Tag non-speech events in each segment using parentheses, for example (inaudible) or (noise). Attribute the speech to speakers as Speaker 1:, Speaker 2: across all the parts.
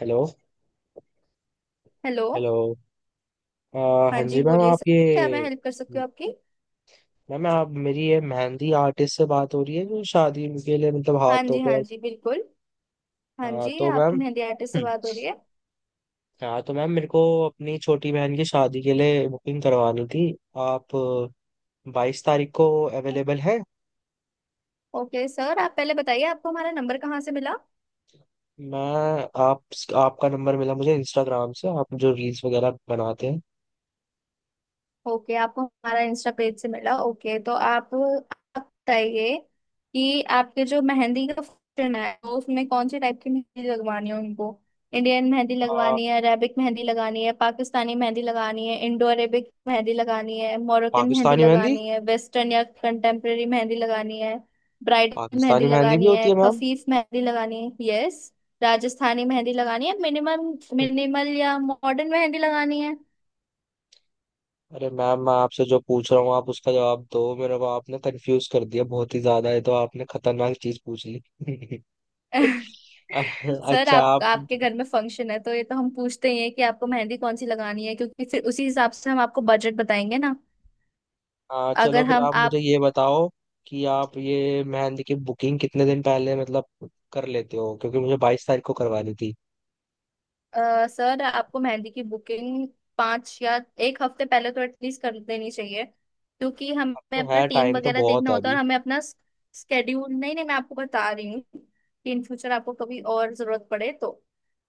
Speaker 1: Hello.
Speaker 2: Hello.
Speaker 1: Hello. अ,
Speaker 2: हाँ
Speaker 1: हाँ
Speaker 2: जी,
Speaker 1: जी मैम,
Speaker 2: बोलिए सर।
Speaker 1: आप
Speaker 2: क्या मैं
Speaker 1: ये...
Speaker 2: हेल्प कर सकती हूँ आपकी?
Speaker 1: मैम, आप मेरी ये मेहंदी आर्टिस्ट से बात हो रही है जो शादी के लिए, मतलब
Speaker 2: हाँ
Speaker 1: हाथों
Speaker 2: जी हाँ
Speaker 1: पर।
Speaker 2: जी, बिल्कुल। हाँ
Speaker 1: हाँ
Speaker 2: जी,
Speaker 1: तो
Speaker 2: आपकी
Speaker 1: मैम
Speaker 2: मेहंदी आर्टिस्ट से
Speaker 1: (clears throat)
Speaker 2: बात हो रही है।
Speaker 1: हाँ तो मैम, मेरे को अपनी छोटी बहन की शादी के लिए बुकिंग करवानी थी। आप 22 तारीख को अवेलेबल है?
Speaker 2: ओके सर, आप पहले बताइए आपको हमारा नंबर कहाँ से मिला।
Speaker 1: मैं आप आपका नंबर मिला मुझे इंस्टाग्राम से, आप जो रील्स वगैरह बनाते हैं।
Speaker 2: ओके, आपको हमारा इंस्टा पेज से मिला। ओके, तो आप बताइए कि आपके जो मेहंदी का फंक्शन है तो उसमें कौन से टाइप की मेहंदी लगवानी है उनको। इंडियन मेहंदी
Speaker 1: अ,
Speaker 2: लगवानी है, अरेबिक मेहंदी लगानी है, पाकिस्तानी मेहंदी लगानी है, इंडो अरेबिक मेहंदी लगानी है, मोरक्कन मेहंदी
Speaker 1: पाकिस्तानी मेहंदी।
Speaker 2: लगानी है, वेस्टर्न या कंटेम्प्रेरी मेहंदी लगानी है, ब्राइडल मेहंदी
Speaker 1: पाकिस्तानी मेहंदी भी
Speaker 2: लगानी
Speaker 1: होती
Speaker 2: है,
Speaker 1: है मैम?
Speaker 2: खफीफ मेहंदी लगानी है, यस राजस्थानी मेहंदी लगानी है, मिनिमम मिनिमल या मॉडर्न मेहंदी लगानी है।
Speaker 1: अरे मैम, मैं आपसे जो पूछ रहा हूँ आप उसका जवाब दो। मेरे को आपने कंफ्यूज कर दिया, बहुत ही ज्यादा है तो आपने खतरनाक चीज पूछ ली। (laughs)
Speaker 2: सर,
Speaker 1: अच्छा।
Speaker 2: आप
Speaker 1: आप...
Speaker 2: आपके घर में फंक्शन है तो ये तो हम पूछते ही हैं कि आपको मेहंदी कौन सी लगानी है, क्योंकि फिर उसी हिसाब से हम आपको बजट बताएंगे ना।
Speaker 1: हाँ चलो,
Speaker 2: अगर
Speaker 1: फिर
Speaker 2: हम
Speaker 1: आप मुझे
Speaker 2: आप
Speaker 1: ये बताओ कि आप ये मेहंदी की बुकिंग कितने दिन पहले, मतलब, कर लेते हो, क्योंकि मुझे 22 तारीख को करवानी थी।
Speaker 2: सर आपको मेहंदी की बुकिंग पाँच या एक हफ्ते पहले तो एटलीस्ट कर देनी चाहिए, क्योंकि हमें
Speaker 1: अब तो
Speaker 2: अपना
Speaker 1: है,
Speaker 2: टीम
Speaker 1: टाइम तो
Speaker 2: वगैरह
Speaker 1: बहुत
Speaker 2: देखना
Speaker 1: है
Speaker 2: होता है
Speaker 1: अभी।
Speaker 2: और हमें अपना स्केड्यूल। नहीं नहीं, मैं आपको बता रही हूँ कि इन फ्यूचर आपको कभी और जरूरत पड़े तो,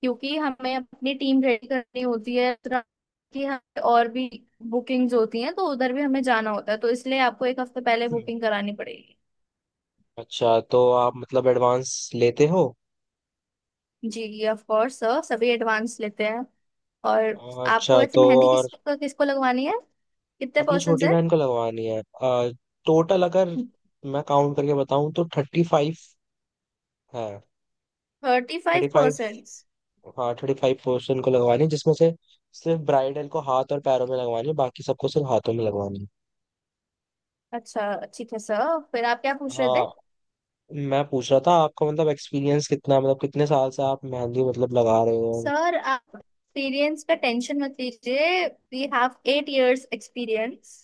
Speaker 2: क्योंकि हमें अपनी टीम रेडी करनी होती है, इस तरह की हमें और भी बुकिंग्स होती हैं तो उधर भी हमें जाना होता है, तो इसलिए आपको एक हफ्ते पहले
Speaker 1: हम्म।
Speaker 2: बुकिंग करानी पड़ेगी।
Speaker 1: अच्छा, तो आप मतलब एडवांस लेते हो?
Speaker 2: जी जी ऑफ कोर्स सर, सभी एडवांस लेते हैं। और आपको
Speaker 1: अच्छा,
Speaker 2: वैसे
Speaker 1: तो
Speaker 2: मेहंदी
Speaker 1: और...
Speaker 2: किसको किसको लगवानी है? कितने
Speaker 1: अपनी
Speaker 2: परसेंट
Speaker 1: छोटी
Speaker 2: है?
Speaker 1: बहन को लगवानी है। टोटल अगर मैं काउंट करके बताऊं तो 35। हाँ।
Speaker 2: Thirty five
Speaker 1: 35।
Speaker 2: परसेंट
Speaker 1: हाँ, थर्टी फाइव पोर्शन को लगवानी है, जिसमें से सिर्फ ब्राइडल को हाथ और पैरों में लगवानी है, बाकी सबको सिर्फ हाथों में लगवानी है।
Speaker 2: अच्छा, ठीक है सर, फिर आप क्या पूछ रहे थे?
Speaker 1: हाँ, मैं पूछ रहा था, आपका मतलब एक्सपीरियंस कितना है? मतलब कितने साल से आप मेहंदी मतलब लगा रहे हो?
Speaker 2: सर आप एक्सपीरियंस का टेंशन मत लीजिए। We have 8 years experience.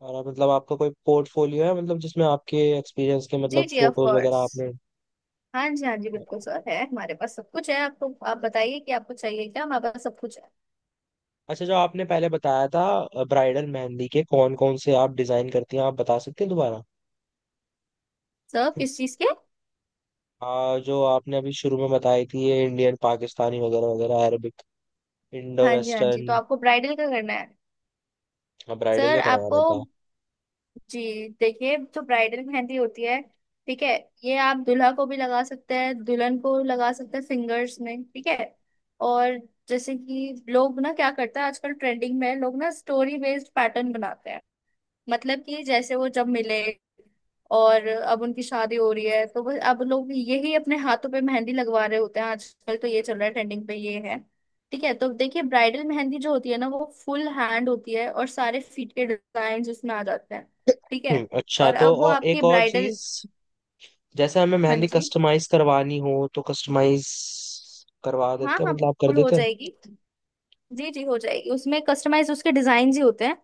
Speaker 1: मतलब आपका कोई पोर्टफोलियो है, मतलब जिसमें आपके एक्सपीरियंस के
Speaker 2: जी
Speaker 1: मतलब
Speaker 2: जी ऑफ
Speaker 1: फोटोज वगैरह
Speaker 2: कोर्स।
Speaker 1: आपने...
Speaker 2: हाँ जी हाँ जी बिल्कुल सर, है हमारे पास, सब कुछ है। आपको आप बताइए कि आपको चाहिए क्या, हमारे पास सब कुछ है।
Speaker 1: अच्छा, जो आपने पहले बताया था ब्राइडल मेहंदी के कौन कौन से आप डिजाइन करती हैं, आप बता सकते हैं दोबारा?
Speaker 2: सर किस चीज़ के?
Speaker 1: जो आपने अभी शुरू में बताई थी, ये इंडियन, पाकिस्तानी वगैरह वगैरह, अरबिक, इंडो
Speaker 2: हाँ जी हाँ जी, तो
Speaker 1: वेस्टर्न।
Speaker 2: आपको ब्राइडल का करना है।
Speaker 1: हाँ, ब्राइडल
Speaker 2: सर
Speaker 1: का करवाना
Speaker 2: आपको,
Speaker 1: था।
Speaker 2: जी देखिए, जो ब्राइडल मेहंदी होती है, ठीक है, ये आप दूल्हा को भी लगा सकते हैं, दुल्हन को लगा सकते हैं, फिंगर्स में। ठीक है। और जैसे कि लोग ना क्या करते हैं, आजकल ट्रेंडिंग में लोग ना स्टोरी बेस्ड पैटर्न बनाते हैं, मतलब कि जैसे वो जब मिले और अब उनकी शादी हो रही है, तो बस अब लोग यही अपने हाथों पे मेहंदी लगवा रहे होते हैं। आजकल तो ये चल रहा है, ट्रेंडिंग पे ये है। ठीक है, तो देखिए, ब्राइडल मेहंदी जो होती है ना, वो फुल हैंड होती है और सारे फीट के डिजाइन उसमें आ जाते हैं। ठीक है।
Speaker 1: हम्म। अच्छा
Speaker 2: और
Speaker 1: तो
Speaker 2: अब वो
Speaker 1: और
Speaker 2: आपकी
Speaker 1: एक और
Speaker 2: ब्राइडल,
Speaker 1: चीज, जैसे हमें
Speaker 2: हाँ
Speaker 1: मेहंदी
Speaker 2: जी,
Speaker 1: कस्टमाइज करवानी हो तो कस्टमाइज करवा
Speaker 2: हाँ
Speaker 1: देते हैं,
Speaker 2: हाँ,
Speaker 1: मतलब आप कर
Speaker 2: फुल हो
Speaker 1: देते हैं?
Speaker 2: जाएगी। जी जी हो जाएगी, उसमें कस्टमाइज उसके डिजाइन ही होते हैं,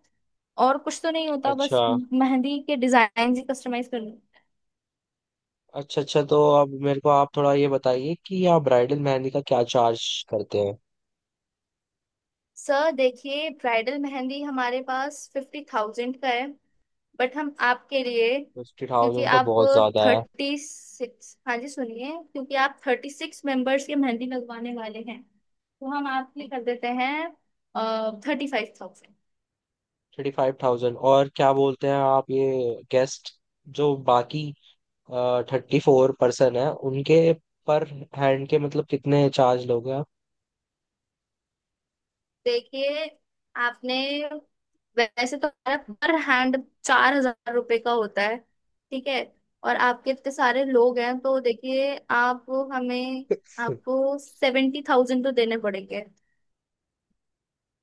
Speaker 2: और कुछ तो नहीं होता,
Speaker 1: अच्छा।
Speaker 2: बस मेहंदी के डिजाइन ही कस्टमाइज करने।
Speaker 1: अच्छा। अच्छा तो अब मेरे को आप थोड़ा ये बताइए कि आप ब्राइडल मेहंदी का क्या चार्ज करते हैं?
Speaker 2: सर देखिए, ब्राइडल मेहंदी हमारे पास 50,000 का है, बट हम आपके लिए,
Speaker 1: फिफ्टी
Speaker 2: क्योंकि
Speaker 1: थाउजेंड तो
Speaker 2: आप,
Speaker 1: बहुत ज्यादा है।
Speaker 2: थर्टी सिक्स, हाँ जी सुनिए, क्योंकि आप 36 मेंबर्स के मेहंदी लगवाने वाले हैं तो हम आपके कर देते हैं 35,000।
Speaker 1: 35,000? और क्या बोलते हैं आप, ये गेस्ट, जो बाकी 34 पर्सन है उनके पर हैंड के मतलब कितने चार्ज लोगे?
Speaker 2: देखिए, आपने, वैसे तो हमारा पर हैंड 4,000 रुपये का होता है। ठीक है। और आपके इतने सारे लोग हैं तो देखिए आप, हमें,
Speaker 1: आप... (laughs)
Speaker 2: आपको 70,000 तो देने पड़ेंगे।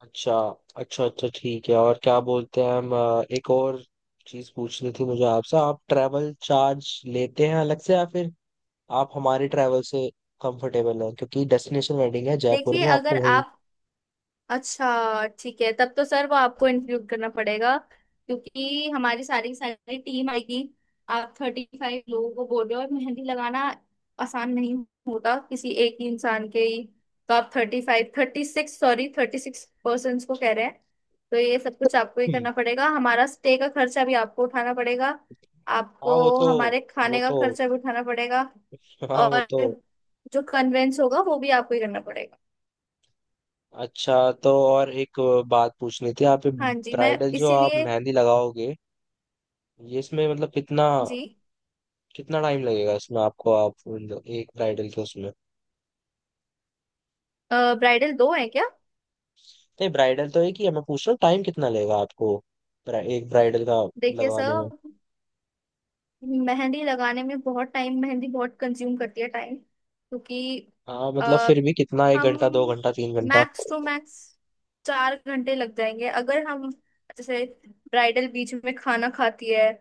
Speaker 1: अच्छा। अच्छा। अच्छा ठीक है। और क्या बोलते हैं हम, एक और चीज पूछनी थी मुझे आपसे, आप ट्रैवल चार्ज लेते हैं अलग से, या फिर आप हमारे ट्रैवल से कंफर्टेबल हैं? क्योंकि डेस्टिनेशन वेडिंग है, जयपुर
Speaker 2: देखिए
Speaker 1: में,
Speaker 2: अगर
Speaker 1: आपको वही...
Speaker 2: आप, अच्छा ठीक है, तब तो सर वो आपको इंक्लूड करना पड़ेगा, क्योंकि हमारी सारी की सारी टीम आएगी। आप 35 लोगों को बोल रहे हो और मेहंदी लगाना आसान नहीं होता किसी एक ही इंसान के ही। तो आप 35 थर्टी सिक्स सॉरी 36 पर्सन को कह रहे हैं, तो ये सब कुछ आपको ही
Speaker 1: हम्म,
Speaker 2: करना पड़ेगा, हमारा स्टे का खर्चा भी आपको उठाना पड़ेगा।
Speaker 1: हाँ
Speaker 2: आपको
Speaker 1: वो तो...
Speaker 2: हमारे
Speaker 1: वो
Speaker 2: खाने का
Speaker 1: तो...
Speaker 2: खर्चा भी उठाना पड़ेगा।
Speaker 1: हाँ वो
Speaker 2: और
Speaker 1: तो...
Speaker 2: जो कन्वेंस होगा वो भी आपको ही करना पड़ेगा।
Speaker 1: अच्छा तो और एक बात पूछनी थी, आप
Speaker 2: हाँ जी, मैं
Speaker 1: ब्राइडल जो आप
Speaker 2: इसीलिए,
Speaker 1: मेहंदी लगाओगे ये इसमें मतलब कितना...
Speaker 2: जी,
Speaker 1: कितना टाइम लगेगा इसमें आपको? आप एक ब्राइडल के उसमें...
Speaker 2: ब्राइडल दो है क्या?
Speaker 1: नहीं, ब्राइडल तो एक ही है, मैं पूछ रहा हूँ टाइम कितना लेगा आपको एक ब्राइडल का
Speaker 2: देखिए सर,
Speaker 1: लगवाने में?
Speaker 2: मेहंदी लगाने में बहुत टाइम, मेहंदी बहुत कंज्यूम करती है टाइम, क्योंकि
Speaker 1: हाँ,
Speaker 2: अ,
Speaker 1: मतलब फिर भी कितना, एक घंटा, दो
Speaker 2: हम
Speaker 1: घंटा, तीन घंटा?
Speaker 2: मैक्स टू मैक्स 4 घंटे लग जाएंगे, अगर हम, जैसे ब्राइडल बीच में खाना खाती है,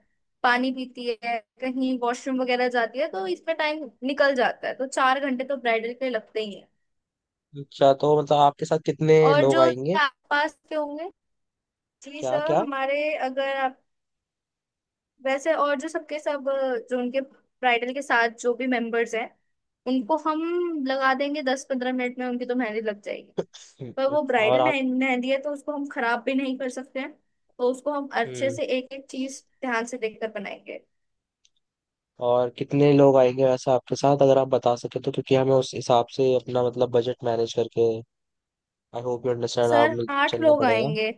Speaker 2: पानी पीती है, कहीं वॉशरूम वगैरह जाती है, तो इसमें टाइम निकल जाता है, तो 4 घंटे तो ब्राइडल के लगते ही है।
Speaker 1: अच्छा तो मतलब आपके साथ कितने
Speaker 2: और
Speaker 1: लोग
Speaker 2: जो
Speaker 1: आएंगे,
Speaker 2: आसपास के होंगे, जी
Speaker 1: क्या
Speaker 2: सर
Speaker 1: क्या?
Speaker 2: हमारे, अगर आप वैसे, और जो सबके सब जो उनके ब्राइडल के साथ जो भी मेंबर्स हैं उनको हम लगा देंगे, 10-15 मिनट में उनकी तो मेहंदी लग जाएगी।
Speaker 1: (laughs)
Speaker 2: पर
Speaker 1: हम्म,
Speaker 2: वो
Speaker 1: और
Speaker 2: ब्राइडल
Speaker 1: आप...
Speaker 2: मेहंदी है तो उसको हम खराब भी नहीं कर सकते हैं, तो उसको हम अच्छे
Speaker 1: हम्म,
Speaker 2: से एक एक चीज ध्यान से देखकर बनाएंगे।
Speaker 1: और कितने लोग आएंगे वैसे आपके साथ, अगर आप बता सके तो, क्योंकि हमें उस हिसाब से अपना मतलब बजट मैनेज करके... I hope you understand.
Speaker 2: Sir
Speaker 1: आप...
Speaker 2: आठ
Speaker 1: चलना
Speaker 2: लोग
Speaker 1: पड़ेगा।
Speaker 2: आएंगे।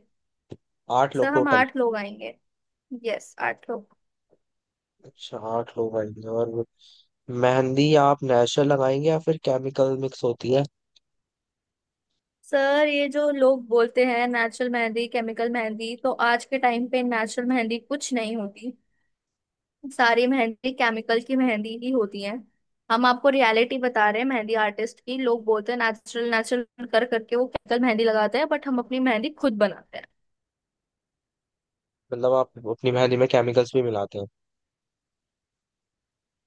Speaker 1: आठ लोग
Speaker 2: सर, हम
Speaker 1: टोटल?
Speaker 2: आठ लोग आएंगे, यस आठ लोग।
Speaker 1: अच्छा, आठ लोग आएंगे। और मेहंदी आप नेचुरल लगाएंगे या फिर केमिकल मिक्स होती है?
Speaker 2: सर ये जो लोग बोलते हैं नेचुरल मेहंदी केमिकल मेहंदी, तो आज के टाइम पे नेचुरल मेहंदी कुछ नहीं होती, सारी मेहंदी केमिकल की मेहंदी ही होती है। हम आपको रियलिटी बता रहे हैं मेहंदी आर्टिस्ट की। लोग बोलते हैं नेचुरल नेचुरल कर करके, वो केमिकल मेहंदी लगाते हैं, बट हम अपनी मेहंदी खुद बनाते हैं।
Speaker 1: मतलब आप अपनी मेहंदी में केमिकल्स भी मिलाते हैं?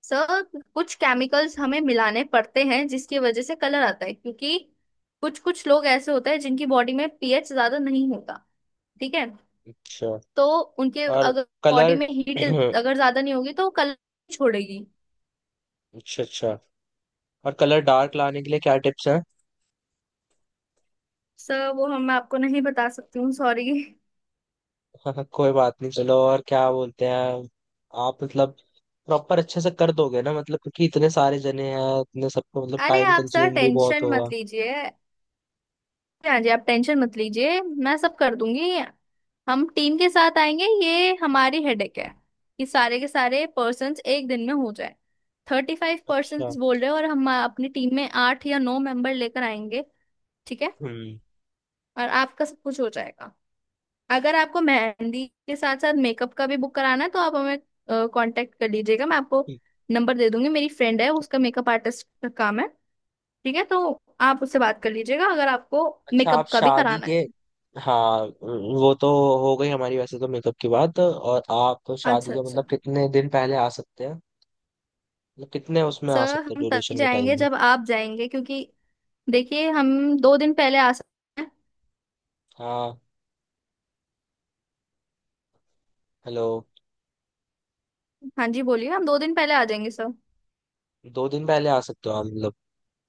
Speaker 2: सर, कुछ केमिकल्स हमें मिलाने पड़ते हैं जिसकी वजह से कलर आता है, क्योंकि कुछ कुछ लोग ऐसे होते हैं जिनकी बॉडी में पीएच ज्यादा नहीं होता। ठीक है।
Speaker 1: अच्छा।
Speaker 2: तो उनके
Speaker 1: और
Speaker 2: अगर बॉडी
Speaker 1: कलर...
Speaker 2: में हीट
Speaker 1: (clears throat)
Speaker 2: अगर ज्यादा नहीं होगी तो कलर छोड़ेगी।
Speaker 1: अच्छा अच्छा, और कलर डार्क लाने के लिए क्या टिप्स हैं?
Speaker 2: सर वो हम, मैं आपको नहीं बता सकती हूँ, सॉरी (laughs)
Speaker 1: (laughs) कोई बात नहीं, चलो। और क्या बोलते हैं आप, मतलब प्रॉपर अच्छे से कर दोगे ना? मतलब क्योंकि इतने सारे जने हैं, इतने सबको मतलब
Speaker 2: अरे
Speaker 1: टाइम
Speaker 2: आप सर
Speaker 1: कंज्यूम भी बहुत
Speaker 2: टेंशन
Speaker 1: होगा।
Speaker 2: मत लीजिए। हाँ जी आप टेंशन मत लीजिए, मैं सब कर दूंगी। हम टीम के साथ आएंगे, ये हमारी हेडेक है कि सारे के सारे पर्सन्स एक दिन में हो जाए। थर्टी फाइव
Speaker 1: अच्छा।
Speaker 2: पर्सन्स बोल रहे हो और हम अपनी टीम में आठ या नौ मेंबर लेकर आएंगे। ठीक है।
Speaker 1: हम्म।
Speaker 2: और आपका सब कुछ हो जाएगा। अगर आपको मेहंदी के साथ साथ मेकअप का भी बुक कराना है, तो आप हमें कांटेक्ट कर लीजिएगा। मैं आपको
Speaker 1: ठीक।
Speaker 2: नंबर दे दूंगी, मेरी फ्रेंड है, उसका मेकअप आर्टिस्ट का काम है। ठीक है, तो आप उससे बात कर लीजिएगा अगर आपको
Speaker 1: अच्छा, आप
Speaker 2: मेकअप का भी
Speaker 1: शादी
Speaker 2: कराना है।
Speaker 1: के... हाँ वो तो हो गई हमारी वैसे तो मेकअप की बात। और आप शादी
Speaker 2: अच्छा
Speaker 1: के
Speaker 2: अच्छा।
Speaker 1: मतलब कितने दिन पहले आ सकते हैं? मतलब कितने उसमें आ
Speaker 2: सर
Speaker 1: सकते हैं,
Speaker 2: हम तभी
Speaker 1: ड्यूरेशन के
Speaker 2: जाएंगे
Speaker 1: टाइम?
Speaker 2: जब आप जाएंगे, क्योंकि देखिए हम 2 दिन पहले आ सकते हैं।
Speaker 1: हाँ। हेलो।
Speaker 2: हाँ जी बोलिए, हम 2 दिन पहले आ जाएंगे सर।
Speaker 1: 2 दिन पहले आ सकते हो आप, मतलब?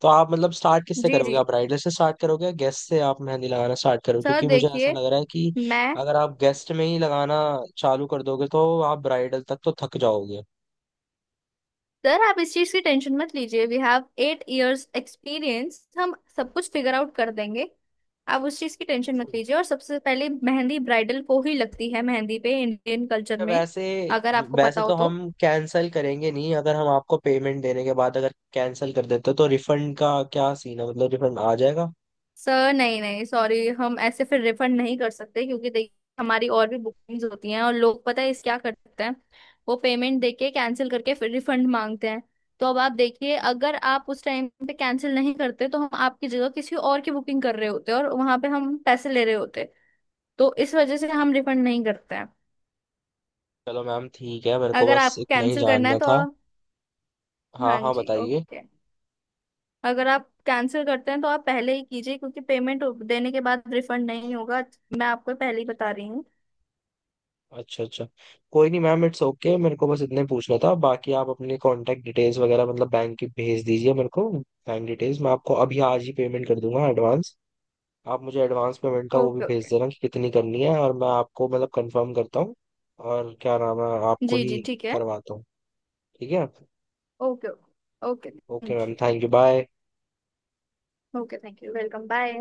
Speaker 1: तो आप मतलब स्टार्ट किससे
Speaker 2: जी
Speaker 1: करोगे,
Speaker 2: जी,
Speaker 1: आप राइडर से स्टार्ट करोगे या गेस्ट से आप मेहंदी लगाना स्टार्ट करोगे?
Speaker 2: सर
Speaker 1: क्योंकि मुझे ऐसा
Speaker 2: देखिए,
Speaker 1: लग रहा है कि
Speaker 2: मैं,
Speaker 1: अगर आप गेस्ट में ही लगाना चालू कर दोगे तो आप ब्राइडल तक तो थक जाओगे।
Speaker 2: सर आप इस चीज़ की टेंशन मत लीजिए। We have eight years experience, हम सब कुछ फिगर आउट कर देंगे। आप उस चीज़ की टेंशन
Speaker 1: अच्छा,
Speaker 2: मत लीजिए, और सबसे पहले मेहंदी ब्राइडल को ही लगती है मेहंदी पे, इंडियन कल्चर में
Speaker 1: वैसे...
Speaker 2: अगर आपको पता
Speaker 1: वैसे
Speaker 2: हो
Speaker 1: तो
Speaker 2: तो।
Speaker 1: हम कैंसिल करेंगे नहीं, अगर हम आपको पेमेंट देने के बाद अगर कैंसिल कर देते तो रिफंड का क्या सीन है, मतलब रिफंड आ जाएगा?
Speaker 2: सर नहीं नहीं सॉरी, हम ऐसे फिर रिफंड नहीं कर सकते, क्योंकि देखिए हमारी और भी बुकिंग्स होती हैं और लोग पता है इस क्या करते हैं, वो पेमेंट देके कैंसिल करके फिर रिफंड मांगते हैं। तो अब आप देखिए, अगर आप उस टाइम पे कैंसिल नहीं करते तो हम आपकी जगह किसी और की बुकिंग कर रहे होते और वहां पे हम पैसे ले रहे होते, तो इस वजह से हम रिफंड नहीं करते हैं।
Speaker 1: चलो मैम, ठीक है, मेरे को
Speaker 2: अगर
Speaker 1: बस
Speaker 2: आपको
Speaker 1: इतना ही
Speaker 2: कैंसिल करना है
Speaker 1: जानना
Speaker 2: तो,
Speaker 1: था। हाँ
Speaker 2: हाँ
Speaker 1: हाँ,
Speaker 2: जी
Speaker 1: बताइए।
Speaker 2: ओके, अगर आप कैंसिल करते हैं तो आप पहले ही कीजिए, क्योंकि पेमेंट देने के बाद रिफंड नहीं होगा, मैं आपको पहले ही बता रही हूँ।
Speaker 1: अच्छा अच्छा। कोई नहीं मैम, इट्स ओके, मेरे को बस इतने पूछना था। बाकी आप अपने कांटेक्ट डिटेल्स वगैरह मतलब बैंक की भेज दीजिए मेरे को, बैंक डिटेल्स, मैं आपको अभी आज ही पेमेंट कर दूंगा एडवांस। आप मुझे एडवांस पेमेंट का वो भी
Speaker 2: ओके
Speaker 1: भेज
Speaker 2: ओके।
Speaker 1: देना कि कितनी करनी है, और मैं आपको मतलब कंफर्म करता हूँ। और क्या नाम है, आपको
Speaker 2: जी जी
Speaker 1: ही
Speaker 2: ठीक है।
Speaker 1: करवाता हूँ? ठीक है।
Speaker 2: Okay okay. Okay
Speaker 1: okay
Speaker 2: thank
Speaker 1: ma'am,
Speaker 2: you.
Speaker 1: Thank you, bye.
Speaker 2: Okay thank you welcome bye.